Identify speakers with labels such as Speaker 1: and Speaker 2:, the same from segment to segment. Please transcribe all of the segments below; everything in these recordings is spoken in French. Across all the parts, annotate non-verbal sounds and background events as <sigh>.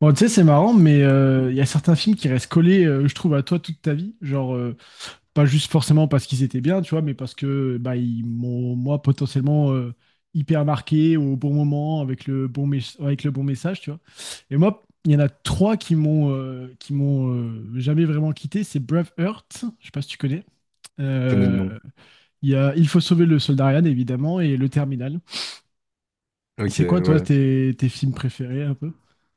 Speaker 1: Bon, tu sais, c'est marrant, mais il y a certains films qui restent collés, je trouve, à toi toute ta vie. Genre, pas juste forcément parce qu'ils étaient bien, tu vois, mais parce que bah, ils m'ont, moi, potentiellement hyper marqué au bon moment, avec avec le bon message, tu vois. Et moi, il y en a trois qui m'ont jamais vraiment quitté. C'est Braveheart, je sais pas si tu connais.
Speaker 2: Je connais de
Speaker 1: Euh,
Speaker 2: nom.
Speaker 1: Il y a Il faut sauver le soldat Ryan, évidemment, et Le Terminal.
Speaker 2: Ok,
Speaker 1: C'est quoi, toi,
Speaker 2: ouais.
Speaker 1: tes films préférés, un peu?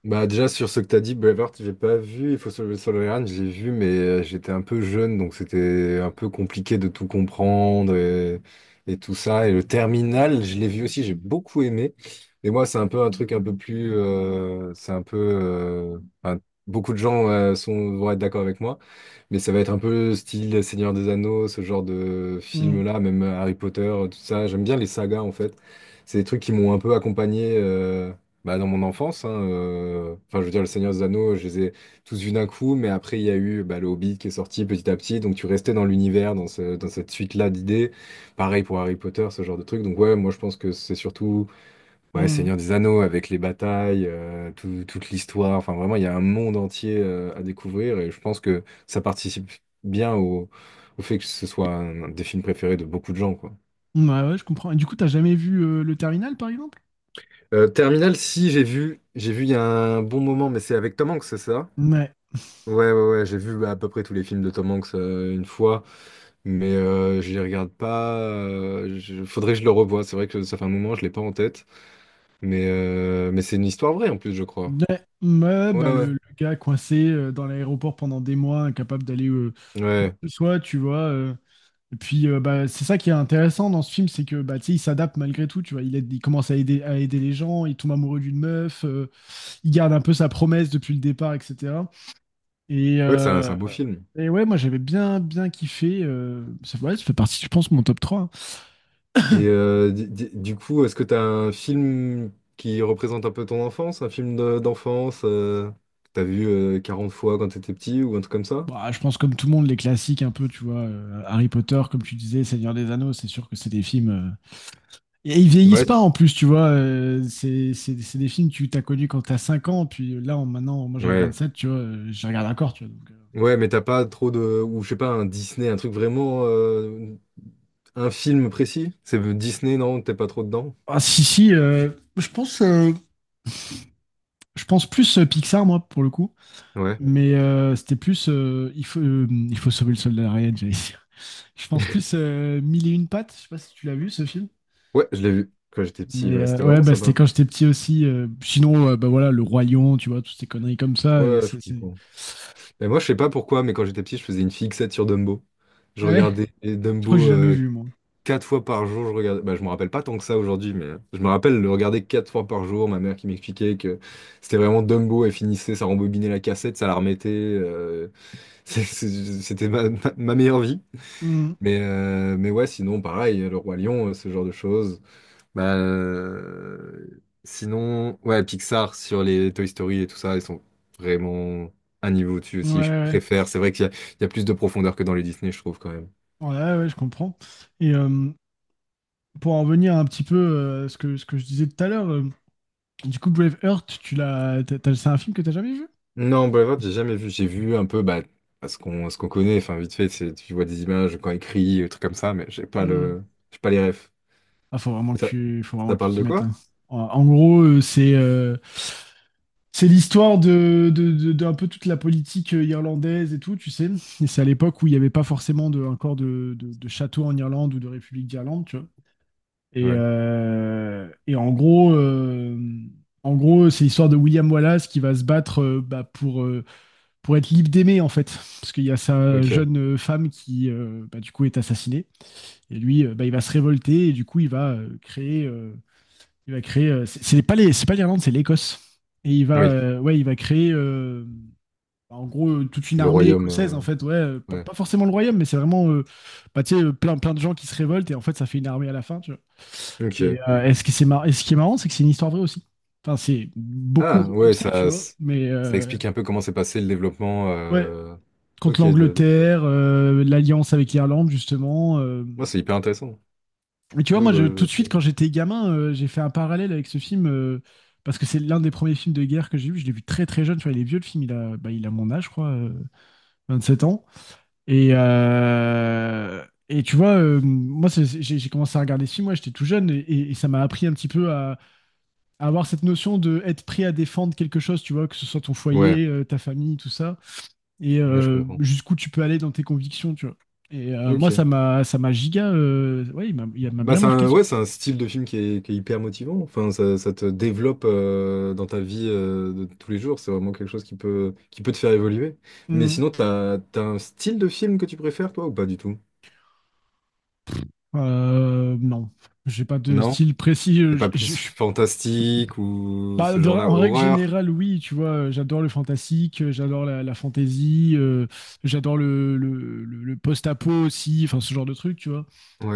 Speaker 2: Bah déjà sur ce que t'as dit, Braveheart, j'ai pas vu. Il faut sauver le soldat Ryan, j'ai vu, mais j'étais un peu jeune, donc c'était un peu compliqué de tout comprendre et tout ça. Et le Terminal, je l'ai vu aussi, j'ai beaucoup aimé. Mais moi, c'est un peu un truc un peu plus, c'est un peu, enfin, beaucoup de gens sont vont être d'accord avec moi, mais ça va être un peu style Seigneur des Anneaux, ce genre de
Speaker 1: Hmm,
Speaker 2: film-là, même Harry Potter, tout ça. J'aime bien les sagas en fait. C'est des trucs qui m'ont un peu accompagné. Bah, dans mon enfance, hein, enfin, je veux dire, le Seigneur des Anneaux, je les ai tous vus d'un coup, mais après, il y a eu bah, le Hobbit qui est sorti petit à petit, donc tu restais dans l'univers, dans dans cette suite-là d'idées. Pareil pour Harry Potter, ce genre de truc. Donc, ouais, moi, je pense que c'est surtout ouais,
Speaker 1: hmm.
Speaker 2: Seigneur des Anneaux avec les batailles, toute l'histoire. Enfin, vraiment, il y a un monde entier à découvrir et je pense que ça participe bien au fait que ce soit un des films préférés de beaucoup de gens, quoi.
Speaker 1: Ouais, ouais, je comprends. Et du coup, t'as jamais vu le terminal, par exemple?
Speaker 2: Terminal, si j'ai vu, j'ai vu il y a un bon moment, mais c'est avec Tom Hanks, c'est ça?
Speaker 1: Ouais.
Speaker 2: Ouais, ouais, ouais, j'ai vu à peu près tous les films de Tom Hanks une fois, mais je les regarde pas. Faudrait que je le revoie. C'est vrai que ça fait un moment, je l'ai pas en tête, mais c'est une histoire vraie en plus, je crois.
Speaker 1: Ouais, ouais,
Speaker 2: Ouais,
Speaker 1: bah,
Speaker 2: ouais,
Speaker 1: le gars coincé dans l'aéroport pendant des mois, incapable d'aller où
Speaker 2: ouais,
Speaker 1: que ce soit, tu vois. Et puis, bah, c'est ça qui est intéressant dans ce film, c'est que bah, tu sais, il s'adapte malgré tout. Tu vois, il commence à aider les gens, il tombe amoureux d'une meuf, il garde un peu sa promesse depuis le départ, etc. Et,
Speaker 2: ouais, c'est un, c'est
Speaker 1: euh,
Speaker 2: un beau film.
Speaker 1: et ouais, moi j'avais bien, bien kiffé. Ça, ouais, ça fait partie, je pense, de mon top 3 hein.
Speaker 2: Du coup, est-ce que t'as un film qui représente un peu ton enfance, un film d'enfance que t'as vu 40 fois quand t'étais petit ou un truc comme ça?
Speaker 1: Bah, je pense, comme tout le monde, les classiques un peu, tu vois. Harry Potter, comme tu disais, Seigneur des Anneaux, c'est sûr que c'est des films. Et ils vieillissent pas
Speaker 2: Ouais,
Speaker 1: en plus, tu vois. C'est des films que tu t'as connus quand t'as 5 ans, puis maintenant, moi j'avais vingt
Speaker 2: ouais.
Speaker 1: sept tu vois, je les regarde encore, tu vois.
Speaker 2: Ouais, mais t'as pas trop de... Ou je sais pas, un Disney, un truc vraiment... Un film précis? C'est Disney, non? T'es pas trop dedans?
Speaker 1: Ah, si, si, je pense, euh, je pense plus Pixar, moi, pour le coup.
Speaker 2: Ouais.
Speaker 1: Mais c'était plus. Il faut sauver le soldat Ryan, j'allais dire. <laughs> Je pense
Speaker 2: <laughs>
Speaker 1: plus Mille et une pattes. Je sais pas si tu l'as vu, ce film.
Speaker 2: Ouais, je l'ai vu quand j'étais petit.
Speaker 1: Mais
Speaker 2: Ouais, c'était
Speaker 1: ouais,
Speaker 2: vraiment
Speaker 1: bah, c'était
Speaker 2: sympa.
Speaker 1: quand j'étais petit aussi. Sinon, bah voilà, Le Roi Lion, tu vois, toutes ces conneries comme ça.
Speaker 2: Ouais, je comprends. Et moi, je sais pas pourquoi, mais quand j'étais petit, je faisais une fixette sur Dumbo. Je
Speaker 1: Ah ouais,
Speaker 2: regardais
Speaker 1: je crois que
Speaker 2: Dumbo
Speaker 1: j'ai jamais vu, moi.
Speaker 2: 4 fois par jour. Je regardais, bah, je me rappelle pas tant que ça aujourd'hui, mais je me rappelle le regarder 4 fois par jour. Ma mère qui m'expliquait que c'était vraiment Dumbo. Elle finissait, ça rembobinait la cassette, ça la remettait. <laughs> C'était ma meilleure vie.
Speaker 1: Hmm.
Speaker 2: Mais ouais, sinon, pareil, Le Roi Lion, ce genre de choses. Bah, sinon, ouais, Pixar sur les Toy Story et tout ça, ils sont vraiment un niveau au-dessus
Speaker 1: Ouais,
Speaker 2: aussi. Je
Speaker 1: ouais,
Speaker 2: préfère. C'est vrai qu'il y a plus de profondeur que dans les Disney, je trouve quand même.
Speaker 1: ouais, ouais, ouais, ouais, je comprends. Et pour en revenir un petit peu à ce ce que je disais tout à l'heure, du coup, Brave Heart, tu l'as, t'as- t'as- c'est un film que t'as jamais vu?
Speaker 2: Non, Braveheart, j'ai jamais vu. J'ai vu un peu, bah, à ce qu'on connaît. Enfin, vite fait, c'est, tu vois des images quand il crie, des trucs comme ça, mais
Speaker 1: Hmm.
Speaker 2: j'ai pas les refs.
Speaker 1: Ah, faut vraiment
Speaker 2: Et
Speaker 1: que
Speaker 2: ça,
Speaker 1: faut vraiment
Speaker 2: ça
Speaker 1: que tu
Speaker 2: parle
Speaker 1: t'y
Speaker 2: de
Speaker 1: mettes.
Speaker 2: quoi?
Speaker 1: Hein. En gros, c'est l'histoire de un peu toute la politique irlandaise et tout, tu sais. Et c'est à l'époque où il n'y avait pas forcément encore de château en Irlande ou de République d'Irlande, tu vois.
Speaker 2: Ouais.
Speaker 1: Et en gros, c'est l'histoire de William Wallace qui va se battre bah, pour être libre d'aimer, en fait. Parce qu'il y a sa
Speaker 2: Ok.
Speaker 1: jeune femme qui, bah, du coup, est assassinée. Et lui, bah, il va se révolter et du coup, il va créer. Il va créer. C'est pas les, c'est pas l'Irlande, c'est l'Écosse. Et il va,
Speaker 2: Oui.
Speaker 1: ouais, il va créer. Bah, en gros, toute une
Speaker 2: Le
Speaker 1: armée
Speaker 2: royaume.
Speaker 1: écossaise, en fait, ouais,
Speaker 2: Ouais.
Speaker 1: pas forcément le royaume, mais c'est vraiment, bah, tu sais, plein de gens qui se révoltent et en fait, ça fait une armée à la fin, tu vois.
Speaker 2: Ok.
Speaker 1: Et ce qui, c'est mar- et ce qui est marrant, c'est que c'est une histoire vraie aussi. Enfin, c'est beaucoup
Speaker 2: Ah, ouais,
Speaker 1: romancé, tu
Speaker 2: ça,
Speaker 1: vois, mais
Speaker 2: ça explique un peu comment s'est passé le développement
Speaker 1: ouais, contre
Speaker 2: ok, de l'Écosse.
Speaker 1: l'Angleterre, l'alliance avec l'Irlande, justement.
Speaker 2: Moi, c'est hyper intéressant.
Speaker 1: Mais tu vois,
Speaker 2: Faudrait
Speaker 1: tout
Speaker 2: que
Speaker 1: de suite, quand j'étais gamin, j'ai fait un parallèle avec ce film parce que c'est l'un des premiers films de guerre que j'ai vu. Je l'ai vu très très jeune. Tu vois, il est vieux le film. Bah, il a mon âge, je crois, 7 ans. Et, euh, et tu vois, moi, c'est- j'ai commencé à regarder ce film. Ouais, j'étais tout jeune et ça m'a appris un petit peu à avoir cette notion de être prêt à défendre quelque chose. Tu vois, que ce soit ton
Speaker 2: je- Ouais,
Speaker 1: foyer, ta famille, tout ça, et
Speaker 2: ouais, je comprends.
Speaker 1: jusqu'où tu peux aller dans tes convictions. Tu vois. Et moi,
Speaker 2: Ok.
Speaker 1: ça m'a giga. Ouais, il m'a
Speaker 2: Bah,
Speaker 1: bien
Speaker 2: c'est
Speaker 1: marqué
Speaker 2: un,
Speaker 1: ce
Speaker 2: ouais, c'est un style de film qui est hyper motivant. Enfin, ça te développe dans ta vie de tous les jours. C'est vraiment quelque chose qui peut te faire évoluer. Mais
Speaker 1: film.
Speaker 2: sinon, t'as un style de film que tu préfères, toi, ou pas du tout?
Speaker 1: Non, j'ai pas de
Speaker 2: Non?
Speaker 1: style précis.
Speaker 2: T'es pas plus
Speaker 1: Je suis
Speaker 2: fantastique ou
Speaker 1: pas
Speaker 2: ce genre-là,
Speaker 1: en règle
Speaker 2: horreur?
Speaker 1: générale, oui, tu vois, j'adore le fantastique, la fantasy, j'adore le post-apo aussi, enfin ce genre de truc, tu vois.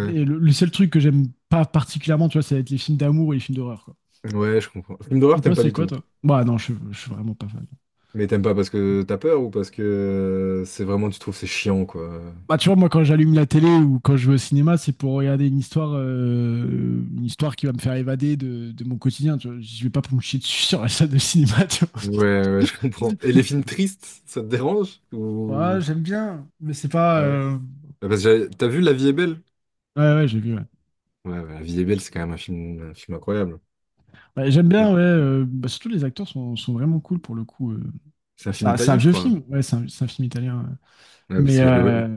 Speaker 1: Mais le seul truc que j'aime pas particulièrement, tu vois, ça va être les films d'amour et les films d'horreur, quoi.
Speaker 2: Ouais, je comprends. Film d'horreur,
Speaker 1: Et toi,
Speaker 2: t'aimes pas
Speaker 1: c'est
Speaker 2: du
Speaker 1: quoi,
Speaker 2: tout.
Speaker 1: toi? Bah non, je suis vraiment pas fan.
Speaker 2: Mais t'aimes pas parce que t'as peur ou parce que c'est vraiment, tu trouves c'est chiant, quoi.
Speaker 1: Bah tu vois, moi, quand j'allume la télé ou quand je vais au cinéma, c'est pour regarder une histoire qui va me faire évader de mon quotidien, tu vois. Je vais pas pour me chier dessus sur la salle de cinéma, <laughs> tu
Speaker 2: Ouais, ouais, <laughs> je comprends. Et les films tristes, ça te dérange?
Speaker 1: Ouais,
Speaker 2: Ou...
Speaker 1: j'aime bien, mais c'est pas.
Speaker 2: Ouais. Bah, parce que t'as vu La vie est belle?
Speaker 1: Ouais, ouais, j'ai vu. Ouais.
Speaker 2: Ouais, ouais, La vie est belle, c'est quand même un film incroyable.
Speaker 1: Ouais, j'aime bien,
Speaker 2: Oui.
Speaker 1: ouais. Bah, surtout les acteurs sont, sont vraiment cool pour le coup. Euh.
Speaker 2: C'est un film
Speaker 1: C'est un
Speaker 2: italien, je
Speaker 1: vieux
Speaker 2: crois.
Speaker 1: film, ouais, c'est un film italien. Ouais.
Speaker 2: Ouais, parce
Speaker 1: Mais
Speaker 2: que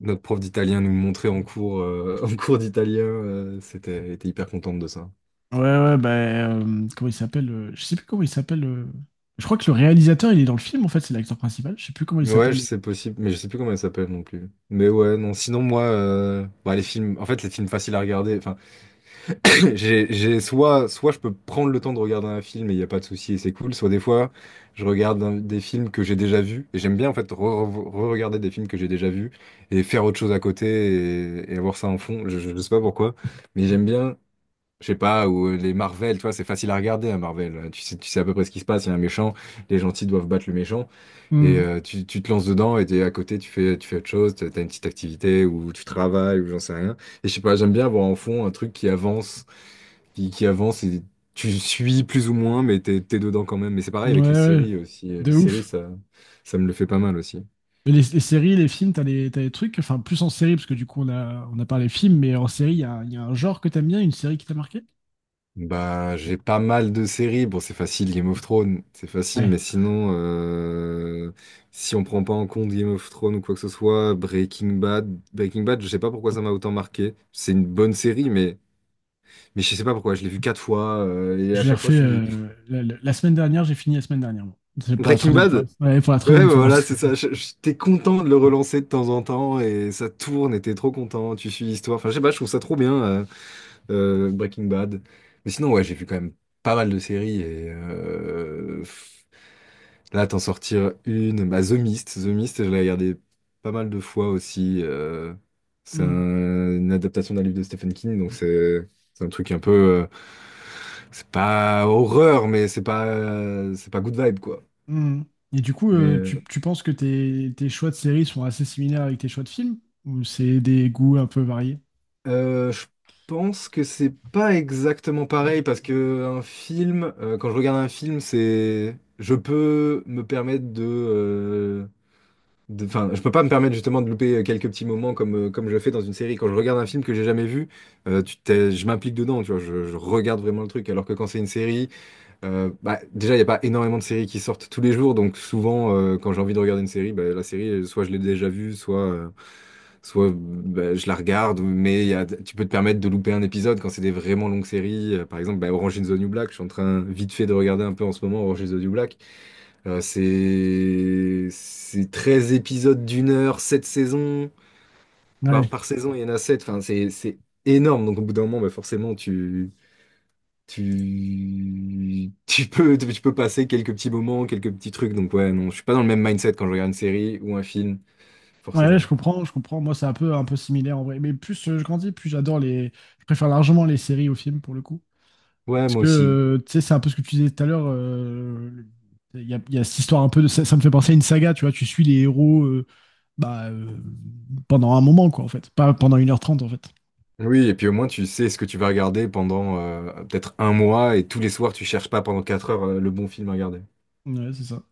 Speaker 2: notre prof d'italien nous le montrait en cours, <laughs> en cours d'italien. Elle était hyper contente de ça.
Speaker 1: ouais, ouais, bah, comment il s'appelle Je sais plus comment il s'appelle. Je crois que le réalisateur, il est dans le film en fait, c'est l'acteur principal. Je sais plus comment il
Speaker 2: Ouais,
Speaker 1: s'appelle.
Speaker 2: c'est possible, mais je sais plus comment elle s'appelle non plus. Mais ouais, non, sinon moi, bah, les films, en fait, les films faciles à regarder, enfin, Soit je peux prendre le temps de regarder un film et il n'y a pas de souci et c'est cool, soit des fois je regarde des films que j'ai déjà vus et j'aime bien en fait re-regarder des films que j'ai déjà vus et faire autre chose à côté et avoir ça en fond. Je sais pas pourquoi, mais j'aime bien, je sais pas, ou les Marvel, tu vois, c'est facile à regarder un Marvel. Tu sais à peu près ce qui se passe, il y a un méchant, les gentils doivent battre le méchant et
Speaker 1: Hmm.
Speaker 2: tu te lances dedans et t'es à côté, tu fais autre chose, t'as une petite activité ou tu travailles ou j'en sais rien. Et je sais pas, j'aime bien avoir en fond un truc qui avance qui avance et tu suis plus ou moins, mais t'es dedans quand même. Mais c'est pareil
Speaker 1: Ouais,
Speaker 2: avec les
Speaker 1: ouais,
Speaker 2: séries aussi. Les
Speaker 1: de
Speaker 2: séries,
Speaker 1: ouf.
Speaker 2: ça me le fait pas mal aussi.
Speaker 1: Mais les séries, les films, t'as des trucs, enfin plus en série, parce que du coup on a parlé films, mais en série, il y a un genre que t'aimes bien, une série qui t'a marqué?
Speaker 2: Bah, j'ai pas mal de séries. Bon, c'est facile, Game of Thrones, c'est facile, mais sinon, si on prend pas en compte Game of Thrones ou quoi que ce soit, Breaking Bad, Breaking Bad, je sais pas pourquoi ça m'a autant marqué. C'est une bonne série, mais je sais pas pourquoi, je l'ai vu 4 fois, et à
Speaker 1: Je l'ai
Speaker 2: chaque fois,
Speaker 1: refait
Speaker 2: je suis...
Speaker 1: la semaine dernière, j'ai fini la semaine dernière. Moi. C'est pour la
Speaker 2: Breaking
Speaker 1: troisième fois.
Speaker 2: Bad?
Speaker 1: Ouais, pour la
Speaker 2: Ouais,
Speaker 1: troisième
Speaker 2: bah
Speaker 1: fois.
Speaker 2: voilà, c'est
Speaker 1: <laughs>
Speaker 2: ça. T'es content de le relancer de temps en temps et ça tourne et t'es trop content. Tu suis l'histoire. Enfin, je sais pas, je trouve ça trop bien, Breaking Bad. Mais sinon, ouais, j'ai vu quand même pas mal de séries et là, t'en sortir une. Bah, The Mist, The Mist, je l'ai regardé pas mal de fois aussi. C'est
Speaker 1: Mm,
Speaker 2: une adaptation d'un livre de Stephen King, donc c'est un truc un peu. C'est pas horreur, mais c'est pas good vibe, quoi.
Speaker 1: mm. Et du coup,
Speaker 2: Mais.
Speaker 1: tu penses que tes choix de séries sont assez similaires avec tes choix de films? Ou c'est des goûts un peu variés?
Speaker 2: Je pense que c'est pas exactement pareil parce que un film, quand je regarde un film, c'est, je peux me permettre enfin, je peux pas me permettre justement de louper quelques petits moments comme je fais dans une série. Quand je regarde un film que j'ai jamais vu, je m'implique dedans, tu vois, je regarde vraiment le truc. Alors que quand c'est une série, bah, déjà, il n'y a pas énormément de séries qui sortent tous les jours, donc souvent, quand j'ai envie de regarder une série, bah, la série, soit je l'ai déjà vue, soit je la regarde, mais tu peux te permettre de louper un épisode quand c'est des vraiment longues séries. Par exemple, bah, Orange is the New Black, je suis en train vite fait de regarder un peu en ce moment Orange is the New Black. C'est 13 épisodes d'1 heure, 7 saisons. Par,
Speaker 1: Ouais.
Speaker 2: par saison, il y en a 7. Enfin, c'est énorme, donc au bout d'un moment, bah, forcément, tu peux passer quelques petits moments, quelques petits trucs. Donc ouais, non, je suis pas dans le même mindset quand je regarde une série ou un film,
Speaker 1: Ouais, je
Speaker 2: forcément.
Speaker 1: comprends, je comprends. Moi, c'est un peu similaire en vrai. Mais plus je grandis, plus j'adore les. Je préfère largement les séries aux films pour le coup.
Speaker 2: Ouais,
Speaker 1: Parce
Speaker 2: moi
Speaker 1: que,
Speaker 2: aussi.
Speaker 1: tu sais, c'est un peu ce que tu disais tout à l'heure. Il y a cette histoire un peu de. Ça me fait penser à une saga, tu vois. Tu suis les héros bah, pendant un moment, quoi, en fait. Pas pendant 1h30 en fait.
Speaker 2: Oui, et puis au moins tu sais ce que tu vas regarder pendant peut-être un mois et tous les soirs tu cherches pas pendant 4 heures le bon film à regarder.
Speaker 1: Ouais, c'est ça.